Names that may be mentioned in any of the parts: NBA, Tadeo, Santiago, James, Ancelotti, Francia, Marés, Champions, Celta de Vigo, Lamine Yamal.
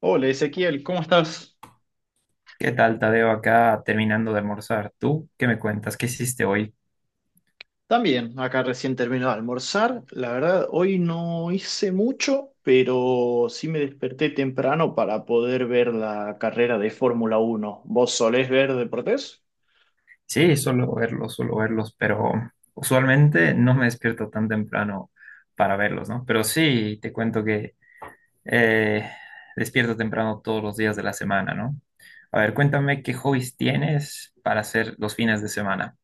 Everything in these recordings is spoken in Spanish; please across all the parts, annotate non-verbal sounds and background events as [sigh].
Hola Ezequiel, ¿cómo estás? ¿Qué tal, Tadeo? Acá terminando de almorzar. ¿Tú qué me cuentas? ¿Qué hiciste hoy? También, acá recién termino de almorzar. La verdad, hoy no hice mucho, pero sí me desperté temprano para poder ver la carrera de Fórmula 1. ¿Vos solés ver deportes? Sí, suelo verlos, pero usualmente no me despierto tan temprano para verlos, ¿no? Pero sí, te cuento que eh, despierto temprano todos los días de la semana, ¿no? A ver, cuéntame qué hobbies tienes para hacer los fines de semana.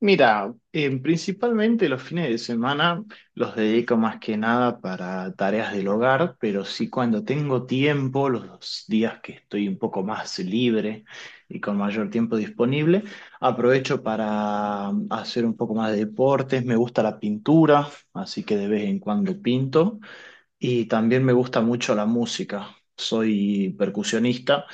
Mira, principalmente los fines de semana los dedico más que nada para tareas del hogar, pero sí cuando tengo tiempo, los días que estoy un poco más libre y con mayor tiempo disponible, aprovecho para hacer un poco más de deportes. Me gusta la pintura, así que de vez en cuando pinto y también me gusta mucho la música. Soy percusionista.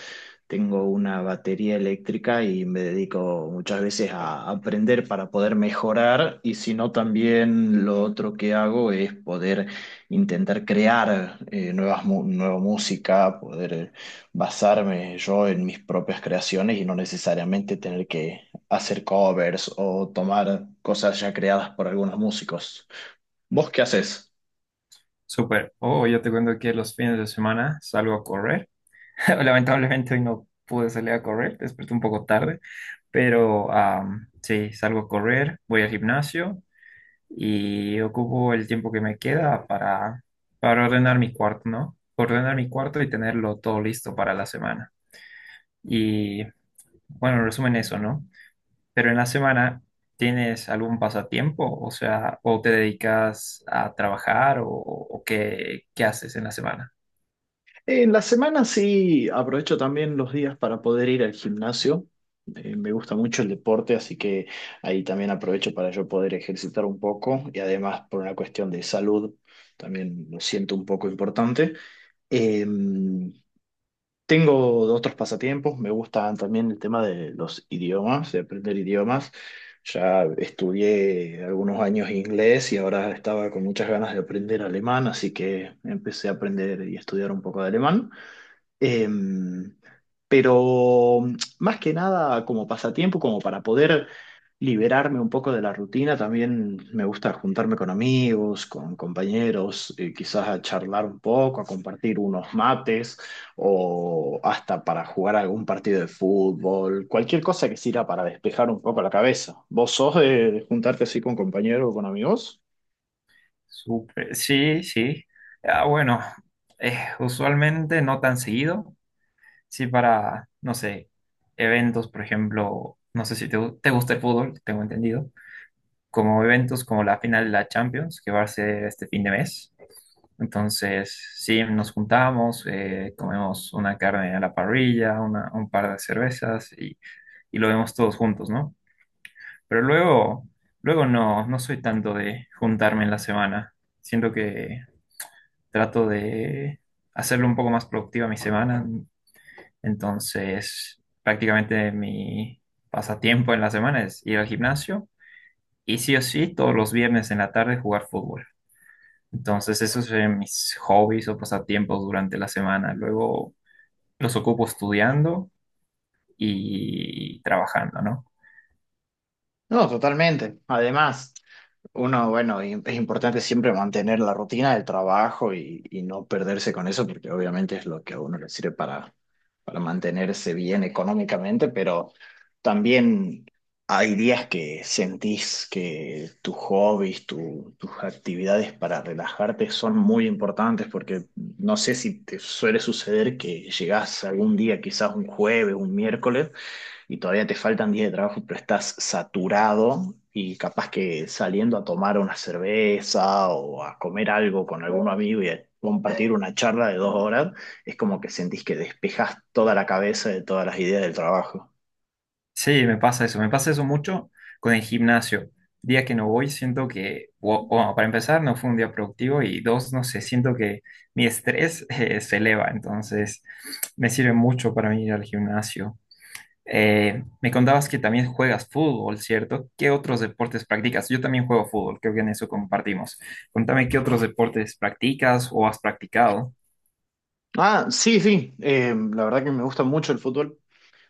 Tengo una batería eléctrica y me dedico muchas veces a aprender para poder mejorar y si no también lo otro que hago es poder intentar crear nueva música, poder basarme yo en mis propias creaciones y no necesariamente tener que hacer covers o tomar cosas ya creadas por algunos músicos. ¿Vos qué haces? Súper. Oh, yo te cuento que los fines de semana salgo a correr. [laughs] Lamentablemente hoy no pude salir a correr, desperté un poco tarde. Pero sí, salgo a correr, voy al gimnasio y ocupo el tiempo que me queda para ordenar mi cuarto, ¿no? Ordenar mi cuarto y tenerlo todo listo para la semana. Y bueno, en resumen eso, ¿no? Pero en la semana, ¿tienes algún pasatiempo? O sea, ¿o te dedicas a trabajar o qué, qué haces en la semana? En la semana sí aprovecho también los días para poder ir al gimnasio. Me gusta mucho el deporte, así que ahí también aprovecho para yo poder ejercitar un poco y además por una cuestión de salud también lo siento un poco importante. Eh, Tengo otros pasatiempos, me gusta también el tema de los idiomas, de aprender idiomas. Ya estudié algunos años inglés y ahora estaba con muchas ganas de aprender alemán, así que empecé a aprender y estudiar un poco de alemán. Em, pero más que nada como pasatiempo, como para poder liberarme un poco de la rutina, también me gusta juntarme con amigos, con compañeros, quizás a charlar un poco, a compartir unos mates o hasta para jugar algún partido de fútbol, cualquier cosa que sirva para despejar un poco la cabeza. ¿Vos sos de juntarte así con compañeros o con amigos? Súper, sí, sí. Ah, bueno, usualmente no tan seguido. Sí, para, no sé, eventos, por ejemplo, no sé si te gusta el fútbol, tengo entendido, como eventos como la final de la Champions, que va a ser este fin de mes. Entonces, sí, nos juntamos, comemos una carne a la parrilla, un par de cervezas y lo vemos todos juntos, ¿no? Pero luego no, no soy tanto de juntarme en la semana. Siento que trato de hacerlo un poco más productiva mi semana. Entonces, prácticamente mi pasatiempo en la semana es ir al gimnasio y sí o sí todos los viernes en la tarde jugar fútbol. Entonces, esos son mis hobbies o pasatiempos durante la semana. Luego los ocupo estudiando y trabajando, ¿no? No, totalmente. Además, uno, bueno, es importante siempre mantener la rutina del trabajo y no perderse con eso, porque obviamente es lo que a uno le sirve para mantenerse bien económicamente, pero también hay días que sentís que tus hobbies, tus actividades para relajarte son muy importantes, porque no sé si te suele suceder que llegás algún día, quizás un jueves, un miércoles y todavía te faltan días de trabajo, pero estás saturado y capaz que saliendo a tomar una cerveza o a comer algo con algún amigo y a compartir una charla de 2 horas, es como que sentís que despejas toda la cabeza de todas las ideas del trabajo. Sí, me pasa eso mucho con el gimnasio. Día que no voy, siento que, bueno, para empezar, no fue un día productivo y dos, no sé, siento que mi estrés [laughs] se eleva, entonces me sirve mucho para mí ir al gimnasio. Me contabas que también juegas fútbol, ¿cierto? ¿Qué otros deportes practicas? Yo también juego fútbol, creo que en eso compartimos. Contame qué otros deportes practicas o has practicado. Ah, sí, sí, la verdad que me gusta mucho el fútbol.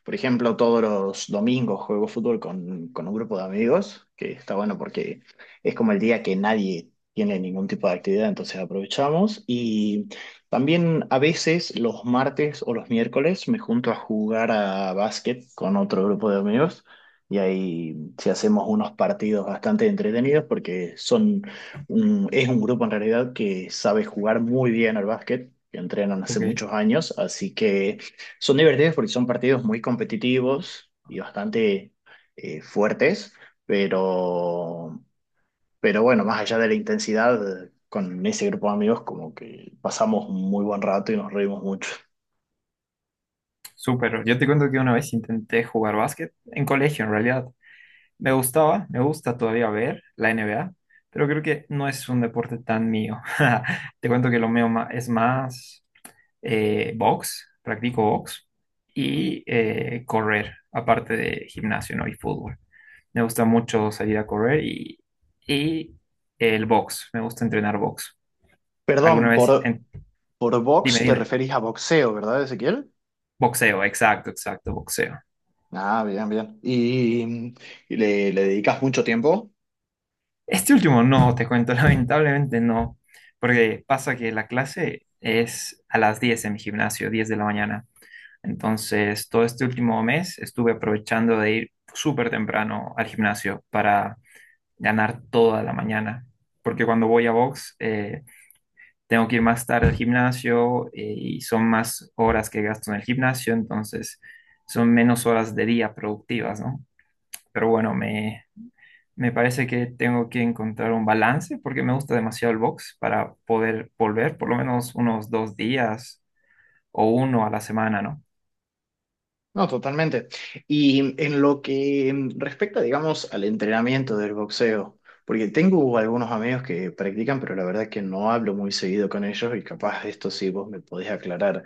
Por ejemplo, todos los domingos juego fútbol con un grupo de amigos, que está bueno porque es como el día que nadie tiene ningún tipo de actividad, entonces aprovechamos. Y también a veces los martes o los miércoles me junto a jugar a básquet con otro grupo de amigos. Y ahí sí hacemos unos partidos bastante entretenidos porque son es un grupo en realidad que sabe jugar muy bien al básquet, que entrenan hace Ok, muchos años, así que son divertidos porque son partidos muy competitivos y bastante fuertes, pero, pero bueno, más allá de la intensidad, con ese grupo de amigos como que pasamos un muy buen rato y nos reímos mucho. súper. Yo te cuento que una vez intenté jugar básquet en colegio, en realidad. Me gustaba, me gusta todavía ver la NBA, pero creo que no es un deporte tan mío. [laughs] Te cuento que lo mío es más box, practico box y correr, aparte de gimnasio, ¿no? Y fútbol. Me gusta mucho salir a correr y el box, me gusta entrenar box. ¿Alguna Perdón, vez? Por Dime, box te dime. referís a boxeo, ¿verdad, Ezequiel? Boxeo, exacto, exacto, boxeo. Ah, bien, bien. ¿ Le dedicas mucho tiempo? Este último no, te cuento, [laughs] lamentablemente no, porque pasa que la clase es a las 10 en mi gimnasio, 10 de la mañana. Entonces, todo este último mes estuve aprovechando de ir súper temprano al gimnasio para ganar toda la mañana, porque cuando voy a box tengo que ir más tarde al gimnasio y son más horas que gasto en el gimnasio, entonces son menos horas de día productivas, ¿no? Pero bueno, me parece que tengo que encontrar un balance porque me gusta demasiado el box para poder volver por lo menos unos 2 días o uno a la semana, ¿no? No, totalmente. Y en lo que respecta, digamos, al entrenamiento del boxeo, porque tengo algunos amigos que practican, pero la verdad que no hablo muy seguido con ellos y capaz esto sí vos me podés aclarar.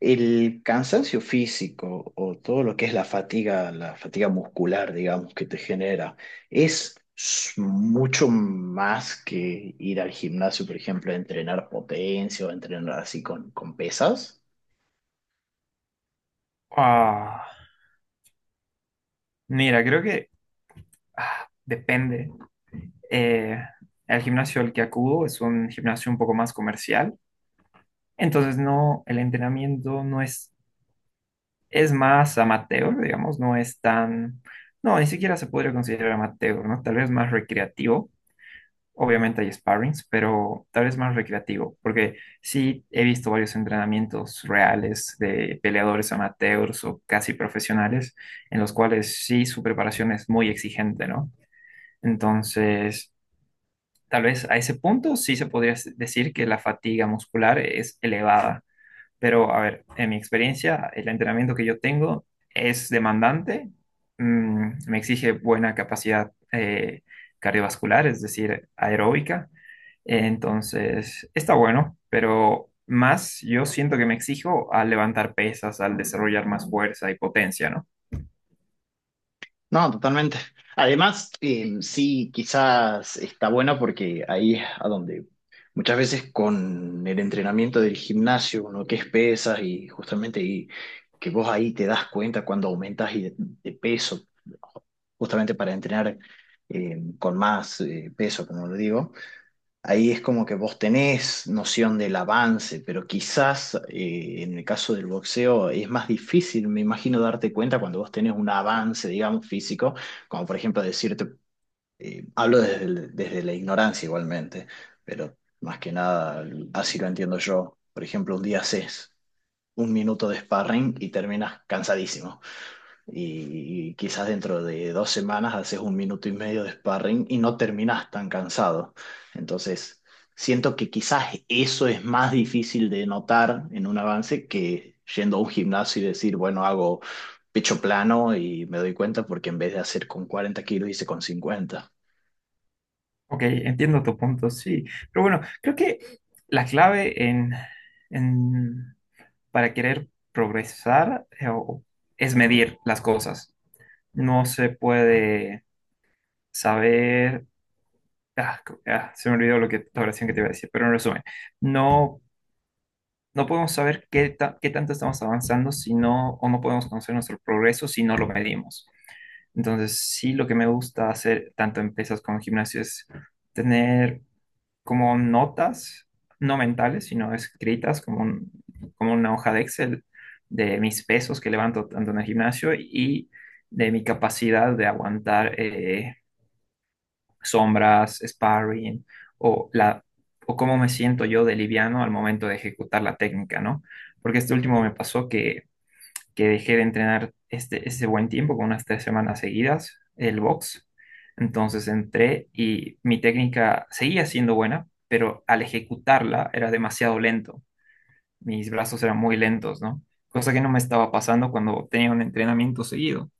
El cansancio físico o todo lo que es la fatiga muscular, digamos, que te genera, mucho más que ir al gimnasio, por ejemplo, a entrenar potencia o entrenar así con pesas. Ah, mira, creo que depende. Eh, el gimnasio al que acudo es un gimnasio un poco más comercial, entonces no, el entrenamiento no es más amateur, digamos, no es tan, no, ni siquiera se podría considerar amateur, ¿no? Tal vez más recreativo. Obviamente hay sparrings, pero tal vez más recreativo, porque sí he visto varios entrenamientos reales de peleadores amateurs o casi profesionales, en los cuales sí su preparación es muy exigente, ¿no? Entonces, tal vez a ese punto sí se podría decir que la fatiga muscular es elevada, pero, a ver, en mi experiencia, el entrenamiento que yo tengo es demandante, me exige buena capacidad cardiovascular, es decir, aeróbica. Entonces, está bueno, pero más yo siento que me exijo al levantar pesas, al desarrollar más fuerza y potencia, ¿no? No, totalmente. Además, sí, quizás está bueno porque ahí es a donde muchas veces con el entrenamiento del gimnasio, uno que es pesas y justamente que vos ahí te das cuenta cuando aumentas de peso, justamente para entrenar con más peso, como lo digo. Ahí es como que vos tenés noción del avance, pero quizás en el caso del boxeo es más difícil, me imagino, darte cuenta cuando vos tenés un avance, digamos, físico, como por ejemplo decirte, hablo desde, desde la ignorancia igualmente, pero más que nada así lo entiendo yo. Por ejemplo, un día haces un minuto de sparring y terminas cansadísimo y quizás dentro de 2 semanas haces un minuto y medio de sparring y no terminas tan cansado. Entonces, siento que quizás eso es más difícil de notar en un avance que yendo a un gimnasio y decir, bueno, hago pecho plano y me doy cuenta porque en vez de hacer con 40 kilos hice con 50. Ok, entiendo tu punto, sí. Pero bueno, creo que la clave en- para querer progresar es medir las cosas. No se puede saber. Ah, se me olvidó lo que, la oración que te iba a decir, pero en resumen, no, no podemos saber qué tanto estamos avanzando si no, o no podemos conocer nuestro progreso si no lo medimos. Entonces, sí, lo que me gusta hacer, tanto en pesas como en gimnasio, es tener como notas, no mentales, sino escritas, como una hoja de Excel de mis pesos que levanto tanto en el gimnasio y de mi capacidad de aguantar, sombras, sparring o la o cómo me siento yo de liviano al momento de ejecutar la técnica, ¿no? Porque este último me pasó que dejé de entrenar ese buen tiempo, con unas 3 semanas seguidas, el box. Entonces entré y mi técnica seguía siendo buena, pero al ejecutarla era demasiado lento. Mis brazos eran muy lentos, ¿no? Cosa que no me estaba pasando cuando tenía un entrenamiento seguido.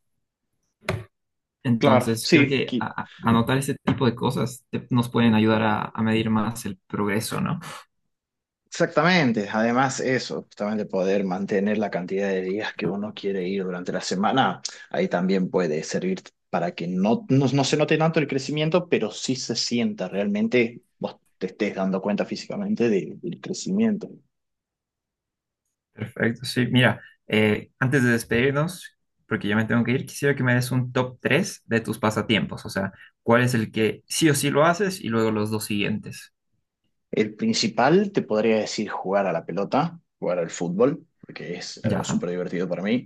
Claro, Entonces, creo sí, que anotar ese tipo de cosas nos pueden ayudar a medir más el progreso, ¿no? exactamente, además eso, justamente poder mantener la cantidad de días que uno quiere ir durante la semana, ahí también puede servir para que no se note tanto el crecimiento, pero sí se sienta realmente, vos te estés dando cuenta físicamente del crecimiento. Perfecto, sí. Mira, antes de despedirnos, porque ya me tengo que ir, quisiera que me des un top 3 de tus pasatiempos, o sea, cuál es el que sí o sí lo haces y luego los dos siguientes. El principal, te podría decir jugar a la pelota, jugar al fútbol, porque es algo Ya. súper divertido para mí.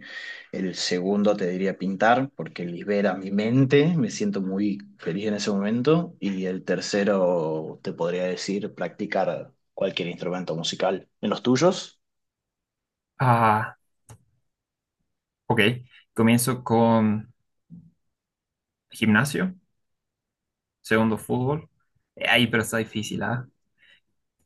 El segundo, te diría pintar, porque libera mi mente, me siento muy feliz en ese momento. Y el tercero, te podría decir practicar cualquier instrumento musical. ¿En los tuyos? Ah, ok. Comienzo con gimnasio, segundo fútbol. Ahí, pero está difícil, ¿ah?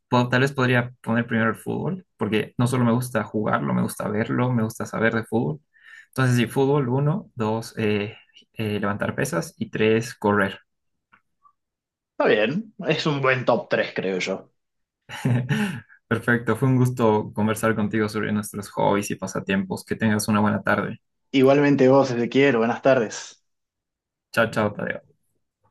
Tal vez podría poner primero el fútbol, porque no solo me gusta jugarlo, me gusta verlo, me gusta saber de fútbol. Entonces, sí, fútbol, uno, dos, levantar pesas y tres, correr. Está bien, es un buen top 3, creo yo. [laughs] Perfecto, fue un gusto conversar contigo sobre nuestros hobbies y pasatiempos. Que tengas una buena tarde. Igualmente vos, Ezequiel, buenas tardes. Chao, chao, Tadeo.